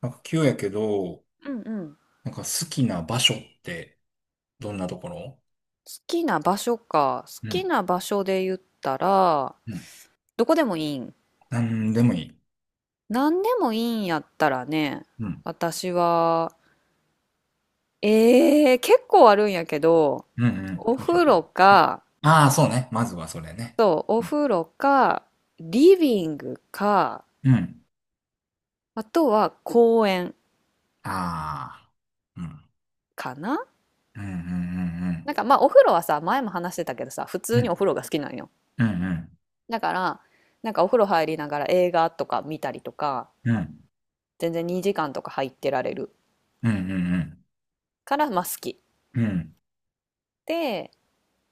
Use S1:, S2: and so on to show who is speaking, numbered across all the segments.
S1: なんか急やけど、
S2: うんうん。好
S1: なんか好きな場所ってどんなところ？
S2: きな場所か。好
S1: う
S2: き
S1: ん。
S2: な場所で言ったら、
S1: うん。
S2: どこでもいいん。
S1: なんでもいい。
S2: 何でもいいんやったらね、
S1: うん。
S2: 私は、結構あるんやけど、
S1: うんうん。
S2: お風呂か、
S1: ああ、そうね。まずはそれね。
S2: そう、お風呂か、リビングか、
S1: うん。
S2: あとは公園
S1: ああー。うん。
S2: かな。
S1: うんうん
S2: まあお風呂はさ、前も話してたけどさ、普
S1: うん
S2: 通
S1: うん。う
S2: に
S1: ん。
S2: お風呂が好きなんよ。
S1: うんうん
S2: だから、なんかお風呂入りながら映画とか見たりとか、
S1: うん
S2: 全然2時間とか入ってられる
S1: うんうん。
S2: から、まあ好き。
S1: うん
S2: で、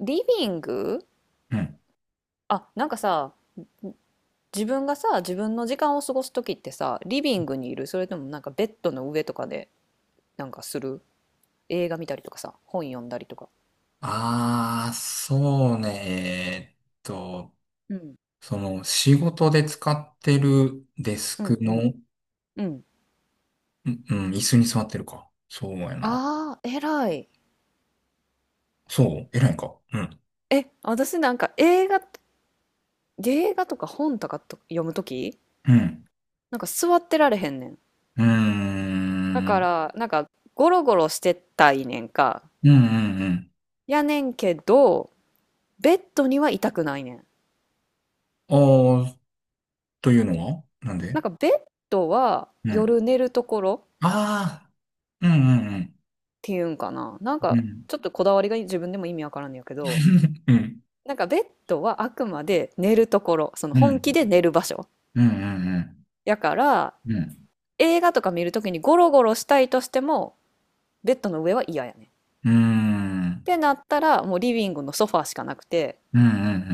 S2: リビング。
S1: うん。
S2: あ、なんかさ、自分がさ、自分の時間を過ごす時ってさ、リビングにいる、それともなんかベッドの上とかでなんかする、映画見たりとかさ、本読んだりとか。
S1: ああ、そうね。
S2: うん。
S1: その仕事で使ってるデス
S2: う
S1: ク
S2: んうん
S1: の、
S2: うん。
S1: うん、うん、椅子に座ってるか。そうやな。
S2: ああ、偉い。
S1: そう、偉いか。うん。
S2: え、私なんか映画とか本とかと読むとき、
S1: うん。
S2: なんか座ってられへんねん。
S1: うー
S2: だか
S1: ん。
S2: ら、なんかゴロゴロしてたいねんか。
S1: うんうんう
S2: やねんけど、ベッドには痛くないねん。
S1: ん。ああ、というのはなん
S2: な
S1: で？
S2: んかベッドは
S1: うん。
S2: 夜寝るところっ
S1: ああ、うんうん
S2: ていうんかな。なん
S1: うん。う
S2: か
S1: ん。
S2: ちょっとこだわりが自分でも意味わからんのやけど、
S1: うん。
S2: なんかベッドはあくまで寝るところ、その
S1: う
S2: 本
S1: ん。
S2: 気で寝る場所。
S1: うんうん
S2: やから
S1: うん。うん。
S2: 映画とか見るときにゴロゴロしたいとしてもベッドの上は嫌やね。
S1: うー
S2: っ
S1: ん
S2: てなったらもうリビングのソファーしかなくて、
S1: うんう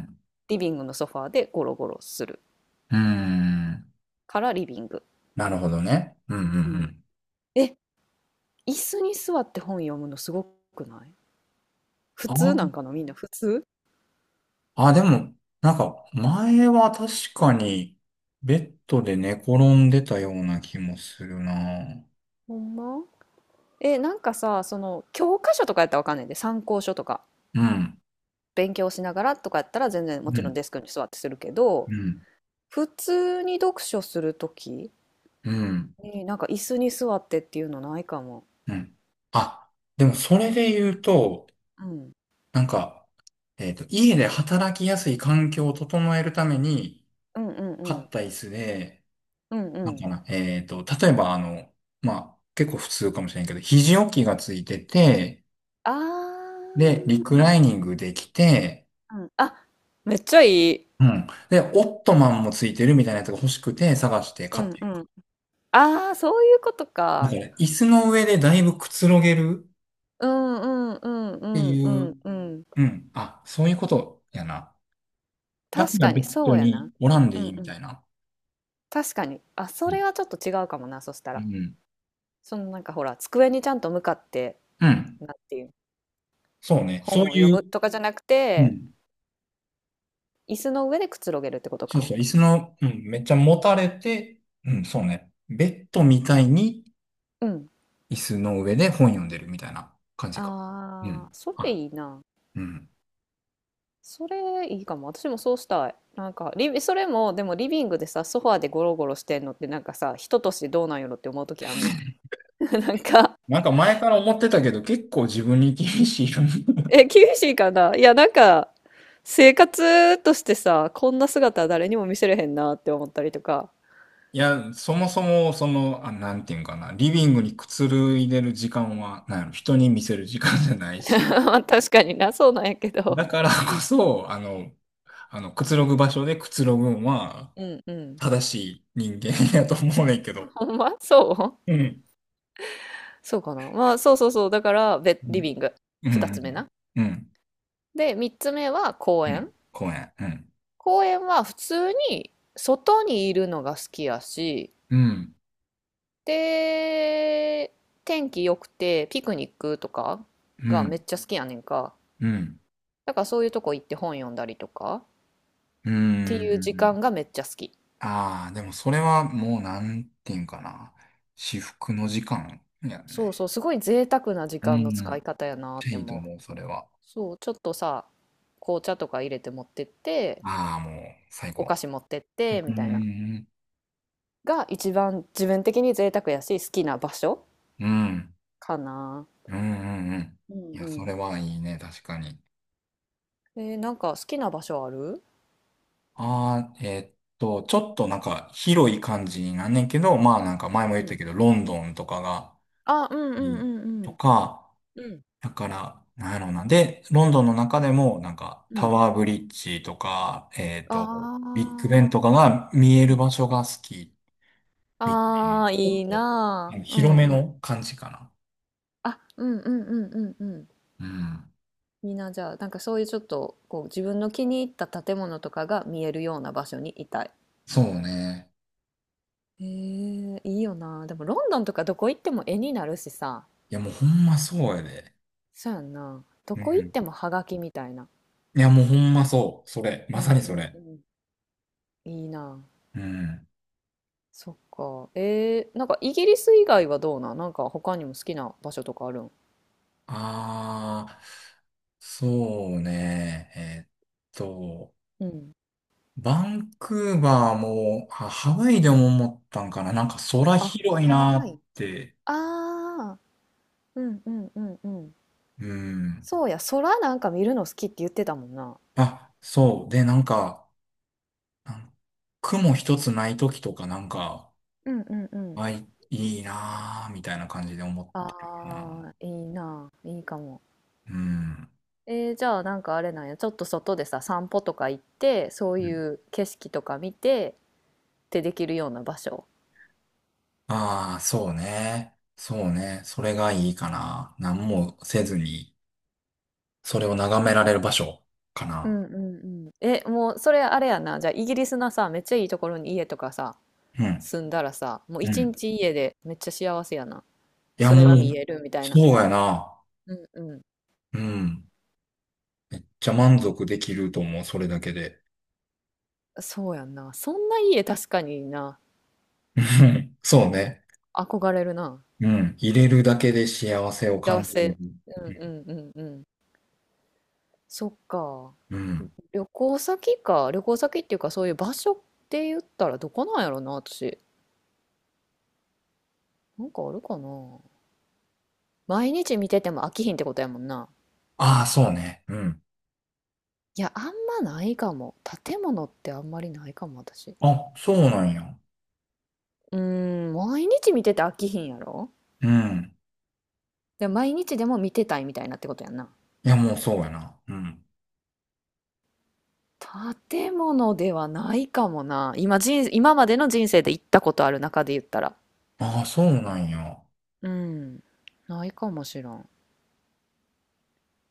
S1: ん
S2: リビングのソファーでゴロゴロする
S1: うん。うーん。
S2: からリビング。
S1: なるほどね。うんうんう
S2: うん。
S1: ん。
S2: え、椅子に座って本読むのすごくない？普通なん
S1: あ
S2: かな、みんな普通？
S1: あ、あ、でも、なんか、前は確かに、ベッドで寝転んでたような気もするな。
S2: ほんま？え、なんかさ、その教科書とかやったらわかんないんで、参考書とか、
S1: うん。
S2: 勉強しながらとかやったら全然も
S1: う
S2: ちろん
S1: ん。
S2: デスクに座ってするけど、
S1: うん。
S2: 普通に読書するときに、
S1: うん。
S2: なんか椅子に座ってっていうのないかも。
S1: うん。あ、でもそれで言うと、
S2: うん。
S1: なんか、家で働きやすい環境を整えるために、
S2: うんうんう
S1: 買
S2: ん。
S1: った椅子で、
S2: うんう
S1: なんか
S2: ん。
S1: な、例えばあの、まあ、結構普通かもしれんけど、肘置きがついてて、
S2: あ
S1: で、リ
S2: ー、う
S1: クライ
S2: ん
S1: ニングできて、
S2: うんうん。あ、めっちゃいい。
S1: うん。で、オットマンもついてるみたいなやつが欲しくて探して
S2: う
S1: 買っ
S2: ん
S1: て
S2: う
S1: る。
S2: ん。ああ、そういうこと
S1: だか
S2: か。
S1: ら、椅子の上でだいぶくつろげる
S2: うんうんうんう
S1: って
S2: ん
S1: い
S2: う
S1: う、
S2: んうん。
S1: うん。あ、そういうことやな。だか
S2: 確
S1: ら
S2: か
S1: ベ
S2: に、
S1: ッ
S2: そ
S1: ド
S2: うや
S1: に
S2: な。
S1: おらんで
S2: う
S1: い
S2: ん
S1: いみ
S2: う
S1: た
S2: ん。
S1: いな。
S2: 確かに。あ、そ
S1: う
S2: れ
S1: ん。
S2: はちょっと違うかもな、そした
S1: う
S2: ら。
S1: ん。
S2: そのなんかほら、机にちゃんと向かって、
S1: うん、
S2: なんていう、
S1: そうね。そう
S2: 本を読
S1: いう、
S2: むとかじゃなく
S1: う
S2: て、
S1: ん。
S2: 椅子の上でくつろげるってこと
S1: そう
S2: か。
S1: そう。椅子の、うん。めっちゃ持たれて、うん。そうね。ベッドみたいに
S2: うん。
S1: 椅子の上で本読んでるみたいな感じか。う
S2: あ
S1: ん。
S2: あ、それ
S1: あ、
S2: いいな。
S1: うん。
S2: それいいかも。私もそうしたい。なんかリビ、それも、でもリビングでさ、ソファーでゴロゴロしてんのって、なんかさ、人としてどうなんやろって思う時あんねん。なんか、
S1: なんか前から思ってたけど、結構自分に厳しいよね。
S2: え、厳しいかな、いや、なんか、生活としてさ、こんな姿は誰にも見せれへんなって思ったりとか。
S1: いや、そもそも、その、あ、なんていうんかな、リビングにくつろいでる時間は、なんやろ、人に見せる時間じゃない し、
S2: まあ確かにな、そうなんやけ
S1: だ
S2: ど。
S1: からこそ、あの、あの、くつろぐ場所でくつろぐんは、
S2: うんうん。
S1: 正しい人間やと思うねんけ ど。
S2: ほんまそう。
S1: うん。
S2: そうかな。まあ、そうそうそう。だから、ベ
S1: う
S2: リ
S1: ん。
S2: ビング。
S1: う
S2: 二つ目
S1: ん。
S2: な。
S1: うん。
S2: で、三つ目は公
S1: うん、
S2: 園。
S1: 公園。うん。
S2: 公園は普通に外にいるのが好きやし、
S1: うん。
S2: で、天気良くてピクニックとか
S1: う
S2: が
S1: ん。
S2: めっちゃ好きやねんか。
S1: うん。
S2: だからそういうとこ行って本読んだりとかっ
S1: う
S2: ていう時
S1: ん。
S2: 間がめっちゃ好き。
S1: ああ、でもそれはもうなんていうんかな。至福の時間やん
S2: そう
S1: ね。
S2: そう、すごい贅沢な時
S1: う
S2: 間の使
S1: ん。
S2: い方やなって
S1: いいと
S2: 思う。
S1: 思う、それは。
S2: そう、ちょっとさ、紅茶とか入れて持ってって、
S1: ああ、もう最
S2: お
S1: 高。
S2: 菓子持ってって
S1: う
S2: みたいな。
S1: ん。
S2: が一番自分的に贅沢やし好きな場所
S1: うん。
S2: かな。
S1: うん。うん。うん。
S2: う
S1: い
S2: ん。う
S1: や、それ
S2: ん。
S1: はいいね、確かに。
S2: えーなんか好きな場所ある？
S1: ああ、ちょっとなんか広い感じになんねんけど、まあなんか前も言
S2: う
S1: っ
S2: んう
S1: た
S2: ん。
S1: けど、ロンドンとかが
S2: あ、うんう
S1: いい
S2: んうんう
S1: と
S2: ん。
S1: か、
S2: うん。
S1: だから、なんやろうな。で、ロンドンの中でもなんか
S2: う
S1: タ
S2: ん。
S1: ワーブリッジとか、
S2: あ
S1: ビッグベ
S2: あ、
S1: ンとかが見え
S2: う
S1: る
S2: ん。
S1: 場所が好き
S2: あ。
S1: みた
S2: ああ、
S1: いな。ちょ
S2: い
S1: っ
S2: い
S1: と、う
S2: な
S1: ん、
S2: あ。う
S1: 広
S2: ん
S1: め
S2: う
S1: の
S2: ん。
S1: 感じかな。
S2: あ、うんうんうんうんう
S1: うん。
S2: ん。いいな、じゃあ、なんかそういうちょっと、こう、自分の気に入った建物とかが見えるような場所にいたい。
S1: そうね。
S2: へえ、いいよな。でも、ロンドンとかどこ行っても絵になるしさ。
S1: いやもうほんまそうやで。
S2: そうやんな。ど
S1: う
S2: こ行っ
S1: ん。
S2: てもハガキみたいな。
S1: いやもうほんまそう。それ。ま
S2: う
S1: さ
S2: ん
S1: に
S2: う
S1: そ
S2: ん
S1: れ。
S2: うん。いいな。
S1: うん。
S2: そっか。えー、なんかイギリス以外はどうなん？なんか他にも好きな場所とかあるん？
S1: ああ、そうね。と、
S2: うん。
S1: バンクーバーも、あ、ハワイでも思ったんかな。なんか空
S2: あ、
S1: 広い
S2: ハ
S1: なー
S2: ワ
S1: っ
S2: イ。
S1: て。
S2: ああ、うんうんうんうん。
S1: うん。
S2: そうや、空なんか見るの好きって言ってたもんな。
S1: あ、そう。で、なんか、なん、雲一つない時とかなんか、
S2: うんうんうん。
S1: あ、いいいなーみたいな感じで思ってる
S2: あ
S1: な。
S2: あ、いいな。いいかも。
S1: うん。
S2: えー、じゃあなんかあれなんや。ちょっと外でさ、散歩とか行って、そういう景色とか見てってできるような場所。
S1: ああー、そうね。そうね。それがいいかな。何もせずに。それを眺められる場所か
S2: う
S1: な。
S2: んうんうん。え、もうそれあれやな。じゃあイギリスのさ、めっちゃいいところに家とかさ、
S1: うん。
S2: 住んだらさ、もう
S1: う
S2: 一
S1: ん。
S2: 日家でめっちゃ幸せやな。
S1: いや、
S2: それ
S1: もう、
S2: が見えるみたいな。
S1: そうやな。
S2: うんうん。
S1: うん。じゃ満足できると思う、それだけで。
S2: そうやんな。そんな家確かにな。
S1: うん、そうね。
S2: 憧れるな。
S1: うん。入れるだけで幸せを
S2: 幸
S1: 感じれる。
S2: せ。うんうんうんうん。そっか。
S1: うん。
S2: 旅行先か。旅行先っていうかそういう場所って言ったらどこなんやろな、私。なんかあるかな。毎日見てても飽きひんってことやもんな。
S1: ああ、そうね。うん。
S2: いや、あんまないかも。建物ってあんまりないかも、私。
S1: あ、そうなんや。
S2: うーん、毎日見てて飽きひんやろ、
S1: うん。
S2: で、毎日でも見てたいみたいなってことやんな。
S1: いや、もうそうやな。うん。
S2: 建物ではないかもな。今までの人生で行ったことある中で言ったら。
S1: ああ、そうなんや。
S2: うん、ないかもしらん。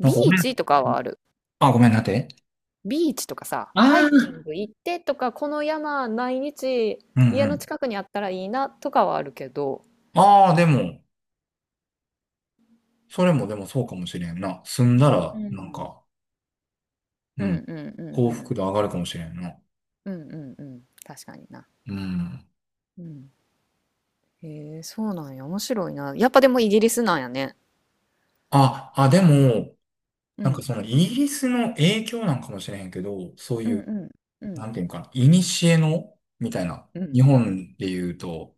S1: なん
S2: ビ
S1: か
S2: ー
S1: 俺、
S2: チとかはある。
S1: あ、ごめんなって。
S2: ビーチとかさ、ハ
S1: あ
S2: イキン
S1: あ。
S2: グ行ってとか、この山毎日
S1: うん
S2: 家
S1: う
S2: の
S1: ん。
S2: 近くにあったらいいなとかはあるけど。
S1: ああ、でも、それもでもそうかもしれんな。住んだ
S2: う
S1: ら、なん
S2: ん。
S1: か、う
S2: う
S1: ん。
S2: んうんう
S1: 幸
S2: んうん。
S1: 福度上がるかもしれんな。
S2: うんうんうん。確かにな。
S1: うん。
S2: うん。へえ、そうなんや。面白いな。やっぱでもイギリスなんやね。
S1: あ、あ、でも、
S2: う
S1: なんか
S2: ん、
S1: そのイギリスの影響なんかもしれへんけど、そう
S2: う
S1: い
S2: ん
S1: う、
S2: うん
S1: なんていうんかな、古の、みたいな。
S2: う
S1: 日
S2: ん。
S1: 本で言うと、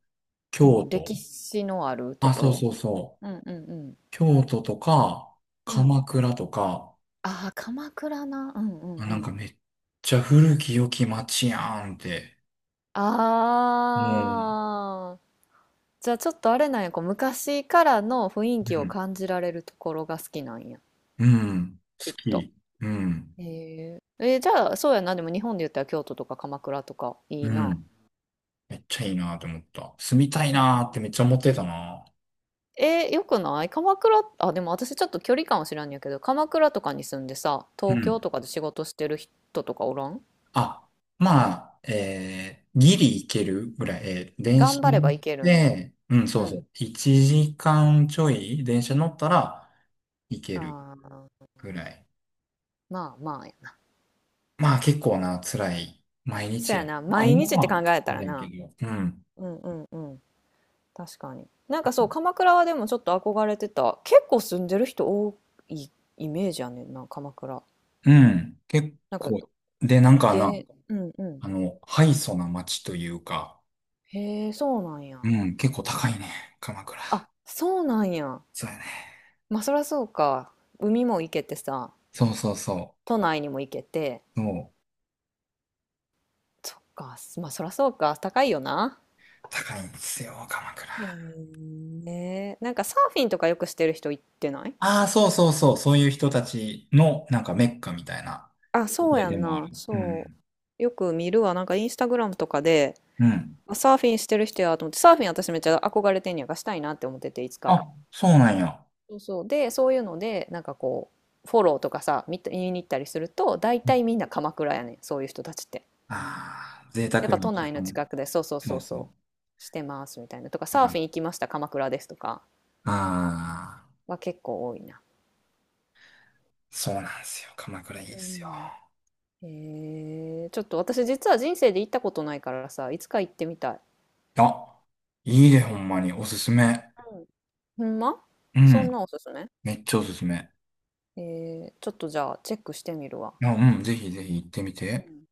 S2: う
S1: 京
S2: ん、
S1: 都。
S2: 歴史のあると
S1: あ、
S2: こ
S1: そう
S2: ろ。
S1: そうそう。
S2: うんうんう
S1: 京都とか、
S2: ん。うん、
S1: 鎌倉とか、
S2: ああ、鎌倉な。うんうん
S1: あ、
S2: う
S1: なん
S2: ん。う
S1: か
S2: ん。
S1: めっちゃ古き良き街やんって。もう、
S2: ああ。じゃあちょっとあれなんや。こう昔からの雰囲気
S1: う
S2: を
S1: ん、
S2: 感じられるところが好きなんや、
S1: うん、好
S2: きっと。
S1: き。うん、
S2: へえ。えー、じゃあそうやな。でも日本で言ったら京都とか鎌倉とかい
S1: う
S2: いな。
S1: ん。めっちゃいいなって思った。住みたいなってめっちゃ思ってたな。
S2: えー、よくない？鎌倉、あ、でも私ちょっと距離感は知らんやけど、鎌倉とかに住んでさ、
S1: う
S2: 東京
S1: ん。
S2: とかで仕事してる人とかおらん？
S1: あ、まあ、ギリ行けるぐらい、電車
S2: 頑張ればいけるんや。
S1: で、うん、
S2: う
S1: そうそ
S2: ん。
S1: う、1時間ちょい電車乗ったら行ける
S2: ああ、
S1: ぐらい。
S2: まあまあやな。
S1: まあ結構な、辛い毎
S2: そ
S1: 日
S2: や
S1: や。
S2: な、
S1: まあ
S2: 毎
S1: 今
S2: 日って考
S1: は、
S2: えたら
S1: だけ
S2: な。
S1: ど、うん、
S2: うんうんうん。確かに。なんかそう、鎌倉はでもちょっと憧れてた。結構住んでる人多いイメージやねんな、鎌倉。
S1: うん、結
S2: なんか、
S1: 構、で、なんかな、
S2: げ、うんうん。
S1: あの、敗訴な街というか、
S2: へえ、そうなんや。
S1: うん、結構高いね、鎌倉。
S2: あ、そうなんや。
S1: そうやね。
S2: まあそらそうか。海も行けてさ。
S1: そうそうそ
S2: 都内にも行けて、
S1: う。そう、
S2: そっか、まあそらそうか、高いよな。
S1: 高いんですよ、鎌倉。
S2: へえ。なんかサーフィンとかよくしてる人行ってない？
S1: ああ、そうそうそう、そういう人たちの、なんかメッカみたいな、
S2: あ、そう
S1: 家
S2: や
S1: で
S2: ん
S1: もあ
S2: な、
S1: る。う
S2: そ
S1: ん。
S2: う。よく見るわ、なんかインスタグラムとかで、
S1: うん。
S2: あサーフィンしてる人やと思って、サーフィン私めっちゃ憧れてんねや、がしたいなって思ってて、いつか。
S1: あ、そうなんや。
S2: そうそう。で、そういうので、なんかこう、フォローとかさ、見に行ったりすると、大体みんな鎌倉やねん、そういう人たちって。
S1: ああ、贅
S2: やっ
S1: 沢
S2: ぱ
S1: に
S2: 都
S1: 時
S2: 内の
S1: 間を、
S2: 近くで、そうそう
S1: そ
S2: そ
S1: う
S2: うそ
S1: そ
S2: う、してますみたいな。とか、
S1: う。
S2: サ
S1: う
S2: ーフ
S1: ん、
S2: ィン行きました、鎌倉ですとか。
S1: ああ、
S2: は結構多いな。
S1: そうなんですよ。鎌倉いい
S2: う
S1: ですよ。
S2: ん。へえー、ちょっと私実は人生で行ったことないからさ、いつか行ってみたい。
S1: あ、いいでほんまに。おすすめ。
S2: うん。ほんま？
S1: う
S2: そ
S1: ん。
S2: んなおすすめ？
S1: めっちゃおすすめ。
S2: えー、ちょっとじゃあチェックしてみるわ。
S1: あ、うん、ぜひぜひ行ってみ
S2: う
S1: て。
S2: ん